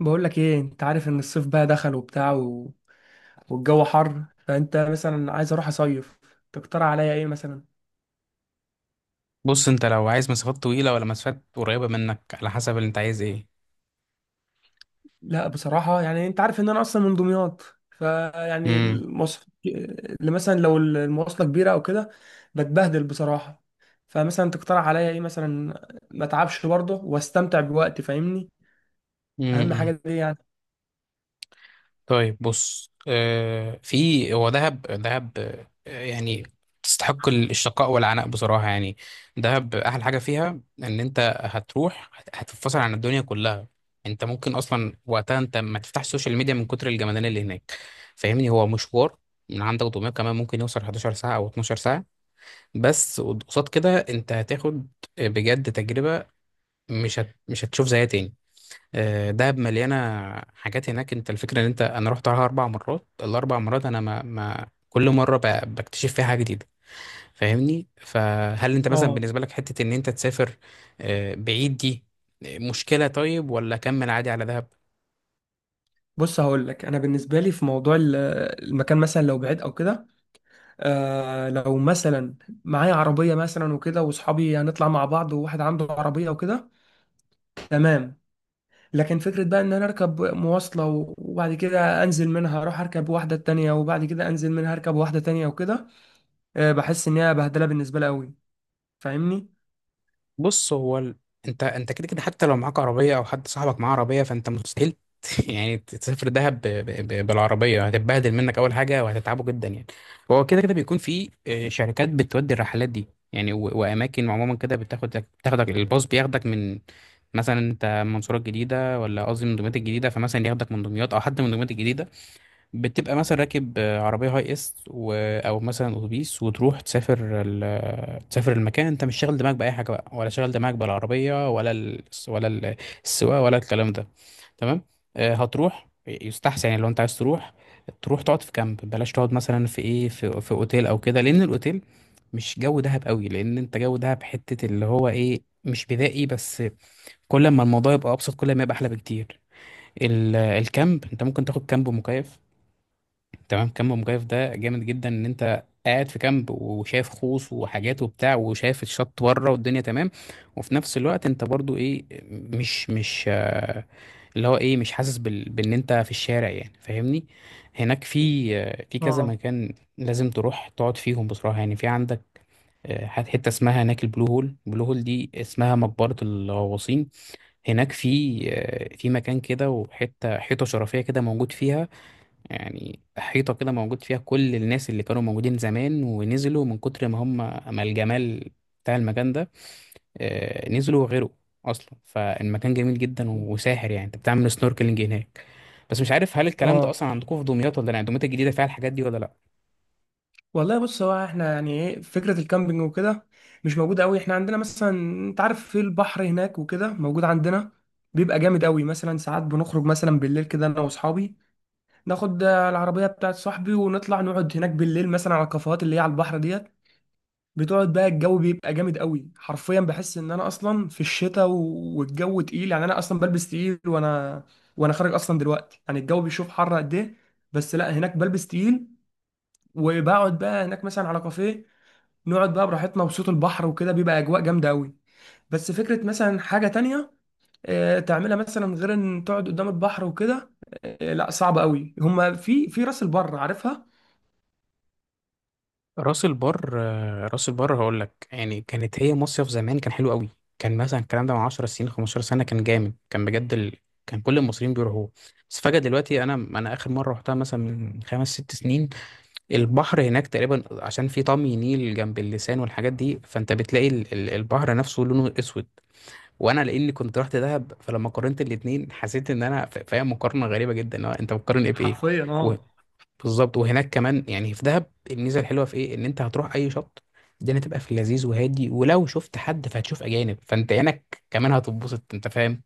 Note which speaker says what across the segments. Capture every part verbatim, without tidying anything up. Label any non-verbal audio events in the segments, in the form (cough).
Speaker 1: بقول لك ايه؟ انت عارف ان الصيف بقى دخل وبتاع و... والجو حر، فانت مثلا عايز اروح اصيف، تقترح عليا ايه مثلا؟
Speaker 2: بص، انت لو عايز مسافات طويلة ولا مسافات قريبة منك، على حسب اللي انت عايز ايه؟
Speaker 1: لا بصراحه يعني انت عارف ان انا اصلا من دمياط، فيعني
Speaker 2: امم.
Speaker 1: المواصلات اللي مثلا لو المواصله كبيره او كده بتبهدل بصراحه. فمثلا تقترح عليا ايه مثلا؟ ما اتعبش برضه واستمتع بوقتي، فاهمني؟ اهم حاجه
Speaker 2: امم.
Speaker 1: دي يعني.
Speaker 2: طيب، بص. آه في هو دهب دهب. آه يعني تستحق ال- الشقاء والعناء بصراحة يعني. دهب أحلى حاجة فيها إن أنت هتروح هت- هتتفصل عن الدنيا كلها. أنت ممكن أصلا وقتها أنت ما تفتحش السوشيال ميديا من كتر الجمدانية اللي هناك. فاهمني، هو مشوار من عندك دمياط كمان ممكن يوصل 11 ساعة أو 12 ساعة. بس قصاد كده أنت هتاخد بجد تجربة، مش هت... مش هتشوف زيها تاني. آه، دهب مليانه حاجات هناك. انت الفكره ان انت، انا رحت عليها اربع مرات، الاربع مرات انا ما, ما كل مره ب... بكتشف فيها حاجه جديده. فاهمني، فهل انت مثلا
Speaker 1: اه.
Speaker 2: بالنسبه لك حته ان انت تسافر آه، بعيد دي مشكله؟ طيب، ولا كمل عادي على دهب.
Speaker 1: بص هقول لك انا، بالنسبه لي في موضوع ال- المكان، مثلا لو بعيد او كده. آه لو مثلا معايا عربية مثلا وكده، وصحابي هنطلع مع بعض، وواحد عنده عربية وكده، تمام. لكن فكرة بقى ان انا اركب مواصلة و- وبعد كده انزل منها اروح اركب واحدة تانية وبعد كده انزل منها اركب واحدة تانية وكده، آه بحس ان هي بهدلة بالنسبة لي قوي، فاهمني؟
Speaker 2: بص، هو ال... انت انت كده كده، حتى لو معاك عربيه او حد صاحبك معاه عربيه، فانت مستحيل (laughs) يعني تسافر دهب ب... ب... ب... بالعربيه. هتتبهدل منك اول حاجه وهتتعبه جدا يعني. هو كده كده بيكون في آه، شركات بتودي الرحلات دي يعني و... واماكن عموما كده بتاخدك بتاخدك الباص بياخدك من مثلا، انت منصوره الجديده ولا قصدي من دمياط الجديده، فمثلا ياخدك من دمياط او حد من دمياط الجديده. بتبقى مثلا راكب آه، عربية هاي اس و... او مثلا اتوبيس، وتروح تسافر ال... تسافر المكان. انت مش شاغل دماغك بأي حاجة بقى، ولا شاغل دماغك بالعربية ولا ال... ولا ال- السواقة ولا الكلام ده. تمام. آه، هتروح، يستحسن يعني لو انت عايز تروح تروح تقعد في كامب. بلاش تقعد مثلا في ايه، في, في اوتيل او كده، لان الاوتيل مش جو دهب قوي. لان انت جو دهب حتة اللي هو ايه، مش بدائي، بس كل ما الموضوع يبقى ابسط كل ما يبقى احلى بكتير. ال- الكامب انت ممكن تاخد كامب مكيف. تمام، كامب مجايف ده جامد جدا ان انت قاعد في كامب وشايف خوص وحاجات وبتاع، وشايف الشط بره والدنيا تمام. وفي نفس الوقت انت برضو ايه، مش مش آه، اللي هو ايه، مش حاسس بال... بان انت في الشارع يعني. فاهمني، هناك في آه، في كذا
Speaker 1: اه
Speaker 2: مكان لازم تروح تقعد فيهم بصراحة يعني. في عندك آه، حت- حتة اسمها هناك البلو هول. البلو هول دي اسمها مقبرة الغواصين. هناك في آه، في مكان كده، وحتة حيطة شرفية كده موجود فيها، يعني حيطة كده موجود فيها كل الناس اللي كانوا موجودين زمان ونزلوا من كتر ما هم، ما الجمال بتاع المكان ده، آه، نزلوا وغيروا أصلا. فالمكان جميل جدا وساحر يعني. أنت بتعمل سنوركلينج هناك. بس مش عارف هل الكلام ده
Speaker 1: اه.
Speaker 2: أصلا عندكم في دمياط ولا لا، يعني دمياط الجديدة فيها الحاجات دي ولا لا؟
Speaker 1: والله بص، هو احنا يعني ايه فكرة الكامبينج وكده مش موجودة قوي احنا عندنا. مثلا انت عارف في البحر هناك وكده، موجود عندنا، بيبقى جامد قوي. مثلا ساعات بنخرج مثلا بالليل كده، انا واصحابي، ناخد آه، العربيه بتاعت صاحبي ونطلع نقعد هناك بالليل مثلا على الكافيهات اللي هي على البحر ديت. بتقعد بقى، الجو بيبقى جامد قوي، حرفيا بحس ان انا اصلا في الشتاء و- والجو تقيل، يعني انا اصلا بلبس تقيل، وانا وانا خارج اصلا دلوقتي، يعني الجو بيشوف حر قد ايه، بس لا هناك بلبس تقيل. وبقعد بقى هناك مثلا على كافيه، نقعد بقى براحتنا، وصوت البحر وكده بيبقى اجواء جامده قوي. بس فكره مثلا حاجه تانية آه، تعملها مثلا غير ان تقعد قدام البحر وكده، آه، لا صعب قوي. هما في في راس البر عارفها.
Speaker 2: راس البر، آه، راس البر هقول لك يعني، كانت هي مصيف زمان، كان حلو قوي. كان مثلا الكلام ده من 10 سنين خمسة عشر سنة سنه، كان جامد، كان بجد ال... كان كل المصريين بيروحوه. بس فجأة دلوقتي، انا انا اخر مره رحتها مثلا من خمس ست سنين. البحر هناك تقريبا، عشان في طمي نيل جنب اللسان والحاجات دي، فانت بتلاقي ال... ال- البحر نفسه لونه اسود. وانا لاني كنت رحت دهب، فلما قارنت الاتنين، حسيت ان انا ف- فاهم مقارنه غريبه جدا، اللي هو انت بتقارن ايه بايه؟
Speaker 1: حرفيا اه.
Speaker 2: بالظبط. وهناك كمان يعني في دهب الميزه الحلوه في ايه؟ ان انت هتروح اي شط، الدنيا تبقى في اللذيذ وهادي، ولو شفت حد فهتشوف اجانب، فانت عينك كمان هتتبسط. انت فاهم؟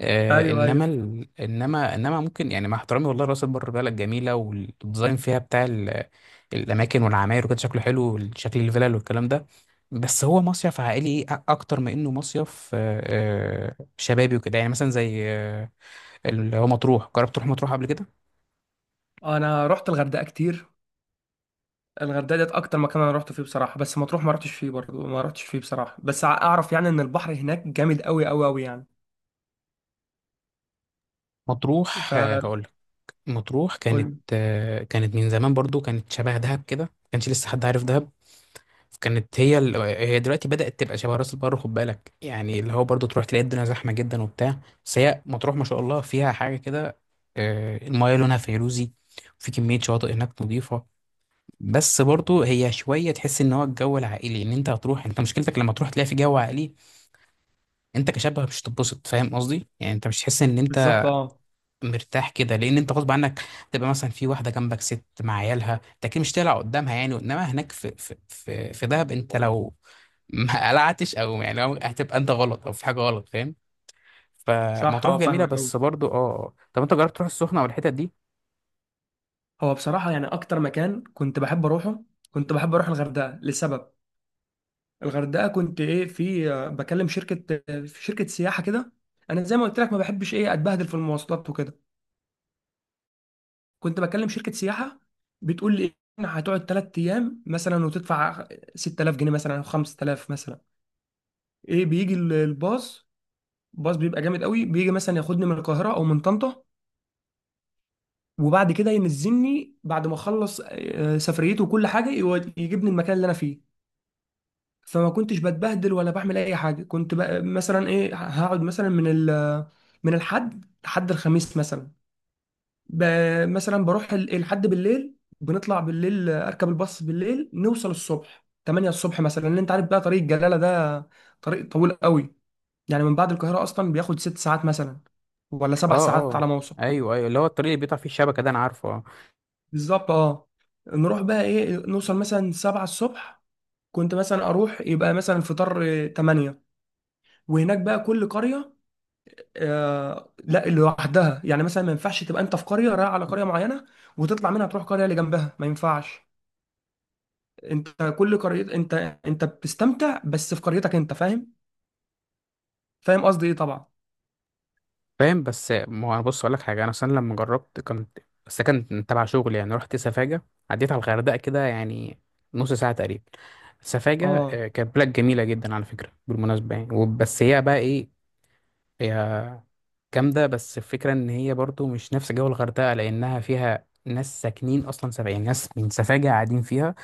Speaker 2: آه.
Speaker 1: ايوه
Speaker 2: انما
Speaker 1: ايوه.
Speaker 2: ال... انما انما ممكن يعني، مع احترامي والله، راس البر بلد جميله، والديزاين فيها بتاع ال... الاماكن والعماير وكده، شكله حلو، شكل الفلل والكلام ده. بس هو مصيف عائلي، إيه؟ أ- اكتر ما انه مصيف آه، آه، شبابي وكده. يعني مثلا زي آه، اللي هو مطروح. جربت تروح مطروح قبل كده؟
Speaker 1: انا رحت الغردقه كتير. الغردقه ديت اكتر مكان انا رحت فيه بصراحه. بس مطروح ما رحتش فيه برضه، ما رحتش فيه بصراحه، بس ع- اعرف يعني ان البحر هناك جامد قوي قوي قوي يعني.
Speaker 2: مطروح
Speaker 1: ف
Speaker 2: مطروح كانت
Speaker 1: قول-
Speaker 2: آه، كانت من زمان برضو كانت شبه دهب كده، ما كانش لسه حد عارف دهب. كانت هي ال... هي دلوقتي بدأت تبقى شبه راس البر، خد بالك، يعني اللي هو برضو تروح تلاقي الدنيا زحمة جدا وبتاع. بس هي مطروح ما شاء الله فيها حاجة كده، آه، المايه لونها فيروزي، وفي كمية شواطئ هناك نظيفة. بس برضو هي شوية تحس ان هو الجو العائلي. ان انت هتروح، انت مشكلتك لما تروح تلاقي في جو عائلي، انت كشاب مش هتتبسط. فاهم قصدي؟ يعني انت مش تحس ان انت
Speaker 1: بالظبط اه.
Speaker 2: مرتاح كده، لان انت غصب عنك تبقى مثلا في واحده جنبك ست مع عيالها، انت اكيد مش هتقلع قدامها يعني. انما هناك في في في, في دهب، انت لو (laughs) ما قلعتش، او يعني لو هتبقى انت غلط او في حاجه غلط، فاهم؟
Speaker 1: صح
Speaker 2: فمطروح
Speaker 1: اه
Speaker 2: جميله
Speaker 1: فاهمك قوي.
Speaker 2: بس برضو اه آه. طب انت جربت تروح السخنه والحتت دي؟
Speaker 1: هو بصراحه يعني اكتر مكان كنت بحب اروحه، كنت بحب اروح الغردقه، لسبب. الغردقه كنت ايه، في آه، بكلم شركه آه، في شركه سياحه كده. انا زي ما قلت لك ما بحبش ايه اتبهدل في المواصلات وكده. كنت بكلم شركه سياحه، بتقول لي إن هتقعد ثلاث ايام مثلا وتدفع ستة آلاف جنيه مثلا او خمسة آلاف مثلا. ايه، بيجي ال- الباص، باص بيبقى جامد قوي، بيجي مثلا ياخدني من القاهره او من طنطا، وبعد كده ينزلني بعد ما اخلص آه، سفريته وكل حاجه، يود- يجيبني المكان اللي انا فيه. فما كنتش بتبهدل ولا بعمل اي حاجه. كنت بقى مثلا ايه، هقعد مثلا من ال، من الحد لحد الخميس مثلا. ب... مثلا بروح ال- لحد بالليل، بنطلع بالليل، آه، اركب الباص بالليل، نوصل الصبح ثمانية الصبح مثلا، لان انت عارف بقى طريق الجلاله ده طريق طويل قوي. يعني من بعد القاهره اصلا بياخد ست ساعات مثلا، ولا
Speaker 2: اه،
Speaker 1: سبع ساعات
Speaker 2: اه،
Speaker 1: على ما اوصل.
Speaker 2: ايوه، ايوه، اللي هو الطريق اللي بيقطع فيه الشبكه ده انا عارفه، اه.
Speaker 1: بالظبط اه. نروح بقى ايه، نوصل مثلا سبعة الصبح، كنت مثلا اروح يبقى مثلا الفطار آه، ثمانية. وهناك بقى كل قريه آه لا لوحدها، يعني مثلا ما ينفعش تبقى انت في قريه رايح على قريه معينه وتطلع منها تروح قريه اللي جنبها، ما ينفعش. انت كل قرية، انت انت بتستمتع بس في قريتك انت، فاهم؟ فاهم قصدي ايه طبعا.
Speaker 2: فاهم. بس ما انا، بص اقول لك حاجه. انا اصلا لما جربت كنت، بس ده كان تبع شغل يعني، رحت سفاجه، عديت على الغردقه كده يعني نص ساعه تقريبا. سفاجة
Speaker 1: اه
Speaker 2: آه، كانت بلاد جميلة جدا، على فكرة بالمناسبة يعني، و- بس هي بقى ايه، هي جامدة. بس الفكرة ان هي برضو مش نفس جو الغردقة، لأنها فيها ناس ساكنين أصلا، سبع يعني ناس من سفاجة قاعدين فيها،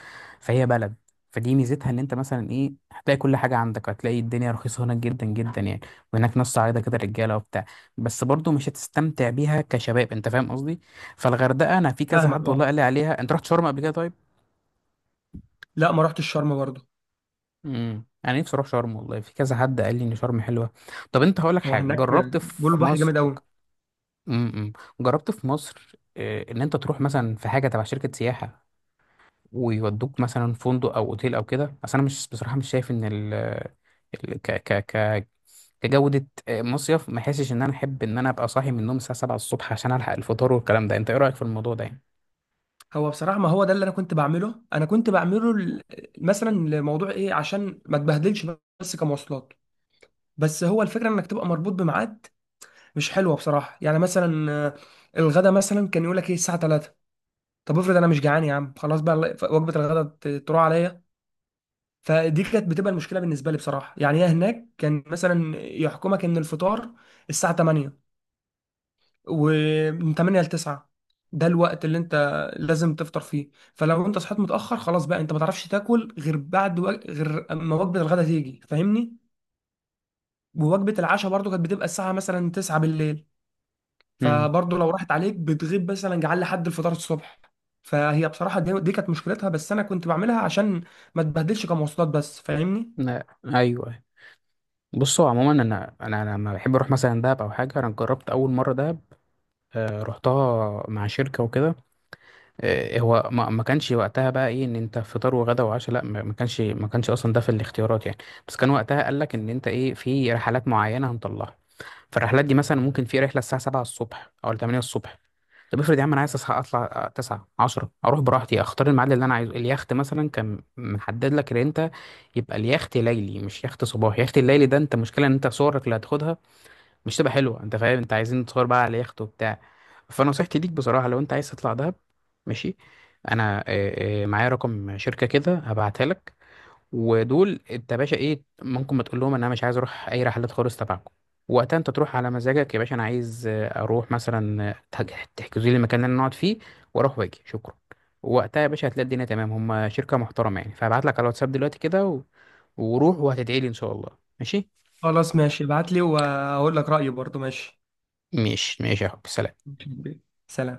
Speaker 2: فهي بلد. فدي ميزتها ان انت مثلا ايه، هتلاقي كل حاجة عندك، هتلاقي الدنيا رخيصة هناك جدا جدا يعني. وهناك ناس صعيدة كده، رجالة وبتاع. بس برضو مش هتستمتع بيها كشباب. انت فاهم قصدي؟ فالغردقة انا في كذا
Speaker 1: فاهمك
Speaker 2: حد والله
Speaker 1: اه.
Speaker 2: قال لي عليها. انت رحت شرم قبل كده؟ طيب،
Speaker 1: لا ما رحتش الشرم برضه.
Speaker 2: امم انا نفسي اروح شرم والله، في كذا حد قال لي ان شرم حلوه. طب انت هقول لك
Speaker 1: هو
Speaker 2: حاجه،
Speaker 1: هناك
Speaker 2: جربت
Speaker 1: بيقولوا
Speaker 2: في
Speaker 1: البحر
Speaker 2: مصر
Speaker 1: جامد قوي.
Speaker 2: امم امم، جربت في مصر آه، ان انت تروح مثلا في حاجه تبع شركه سياحه، ويودوك مثلا فندق او اوتيل او كده؟ اصل انا مش، بصراحه مش شايف ان ال ال- ك ك ك كجوده آه، مصيف. ما حاسش ان انا احب ان انا ابقى صاحي من النوم الساعه سبعة الصبح عشان الحق الفطار والكلام ده. انت ايه رايك في الموضوع ده يعني؟
Speaker 1: هو بصراحة، ما هو ده اللي انا كنت بعمله انا كنت بعمله ل- مثلا لموضوع ايه عشان ما تبهدلش، بس كمواصلات. بس هو الفكرة انك تبقى مربوط بميعاد مش حلوة بصراحة، يعني مثلا آه، الغدا مثلا كان يقول لك ايه الساعة ثلاثة. طب افرض انا مش جعان يا عم، خلاص بقى الله- وجبة الغدا ت- تروح عليا. فدي كانت بتبقى المشكله بالنسبه لي بصراحه يعني. هي هناك كان مثلا يحكمك ان الفطار الساعه ثمانية، ومن ثمانية ل تسعة ده الوقت اللي انت لازم تفطر فيه. فلو انت صحيت متاخر خلاص بقى، انت ما تعرفش تاكل غير بعد وق... غير اما وجبه الغداء تيجي، فاهمني؟ ووجبه العشاء برضو كانت بتبقى الساعه مثلا تسعة بالليل،
Speaker 2: امم،
Speaker 1: فبرضو لو راحت عليك بتغيب مثلا جعان لحد الفطار الصبح. فهي بصراحه دي, دي كانت مشكلتها، بس انا كنت بعملها عشان ما تبهدلش كمواصلات بس، فاهمني؟
Speaker 2: لا. ايوه. بصوا عموما، انا انا أنا لما بحب اروح مثلا دهب او حاجه، انا جربت اول مره ده، آه، رحتها مع شركة وكده. آه، هو ما ما كانش وقتها بقى ايه ان انت فطار وغدا وعشاء، لا، ما ما كانش، ما كانش اصلا ده في الاختيارات يعني. بس كان وقتها قال لك ان انت ايه، في رحلات معينة هنطلعها. فالرحلات دي مثلا ممكن في رحلة الساعة سبعة الصبح او تمانية الصبح. طب افرض يا عم انا عايز اصحى اطلع تسعة عشرة، اروح براحتي اختار الميعاد اللي انا عايزه. اليخت مثلا كان محدد لك ان انت يبقى اليخت ليلي مش يخت صباحي. اليخت الليلي ده انت مشكلة ان انت صورك اللي هتاخدها مش تبقى حلوه. انت فاهم، انت عايزين تصور بقى على يخت وبتاع. فنصيحتي ليك بصراحه لو انت عايز تطلع دهب، ماشي، انا آه، آه، معايا رقم شركه كده، هبعتها لك. ودول انت يا باشا ايه، ممكن ما تقول لهم ان انا مش عايز اروح اي رحلات خالص تبعكم. وقتها انت تروح على مزاجك يا باشا، انا عايز آه، اروح مثلا آه، تح- تحجزوا لي المكان اللي انا اقعد فيه، واروح واجي. شكرا. وقتها يا باشا هتلاقي الدنيا تمام. هم شركه محترمه يعني، فهبعت لك على الواتساب دلوقتي كده و... وروح، وهتدعي لي ان شاء الله. ماشي؟
Speaker 1: خلاص ماشي، ابعت لي وهقول لك رأيي برضو. ماشي،
Speaker 2: ماشي، ماشي يا حب. سلام.
Speaker 1: سلام.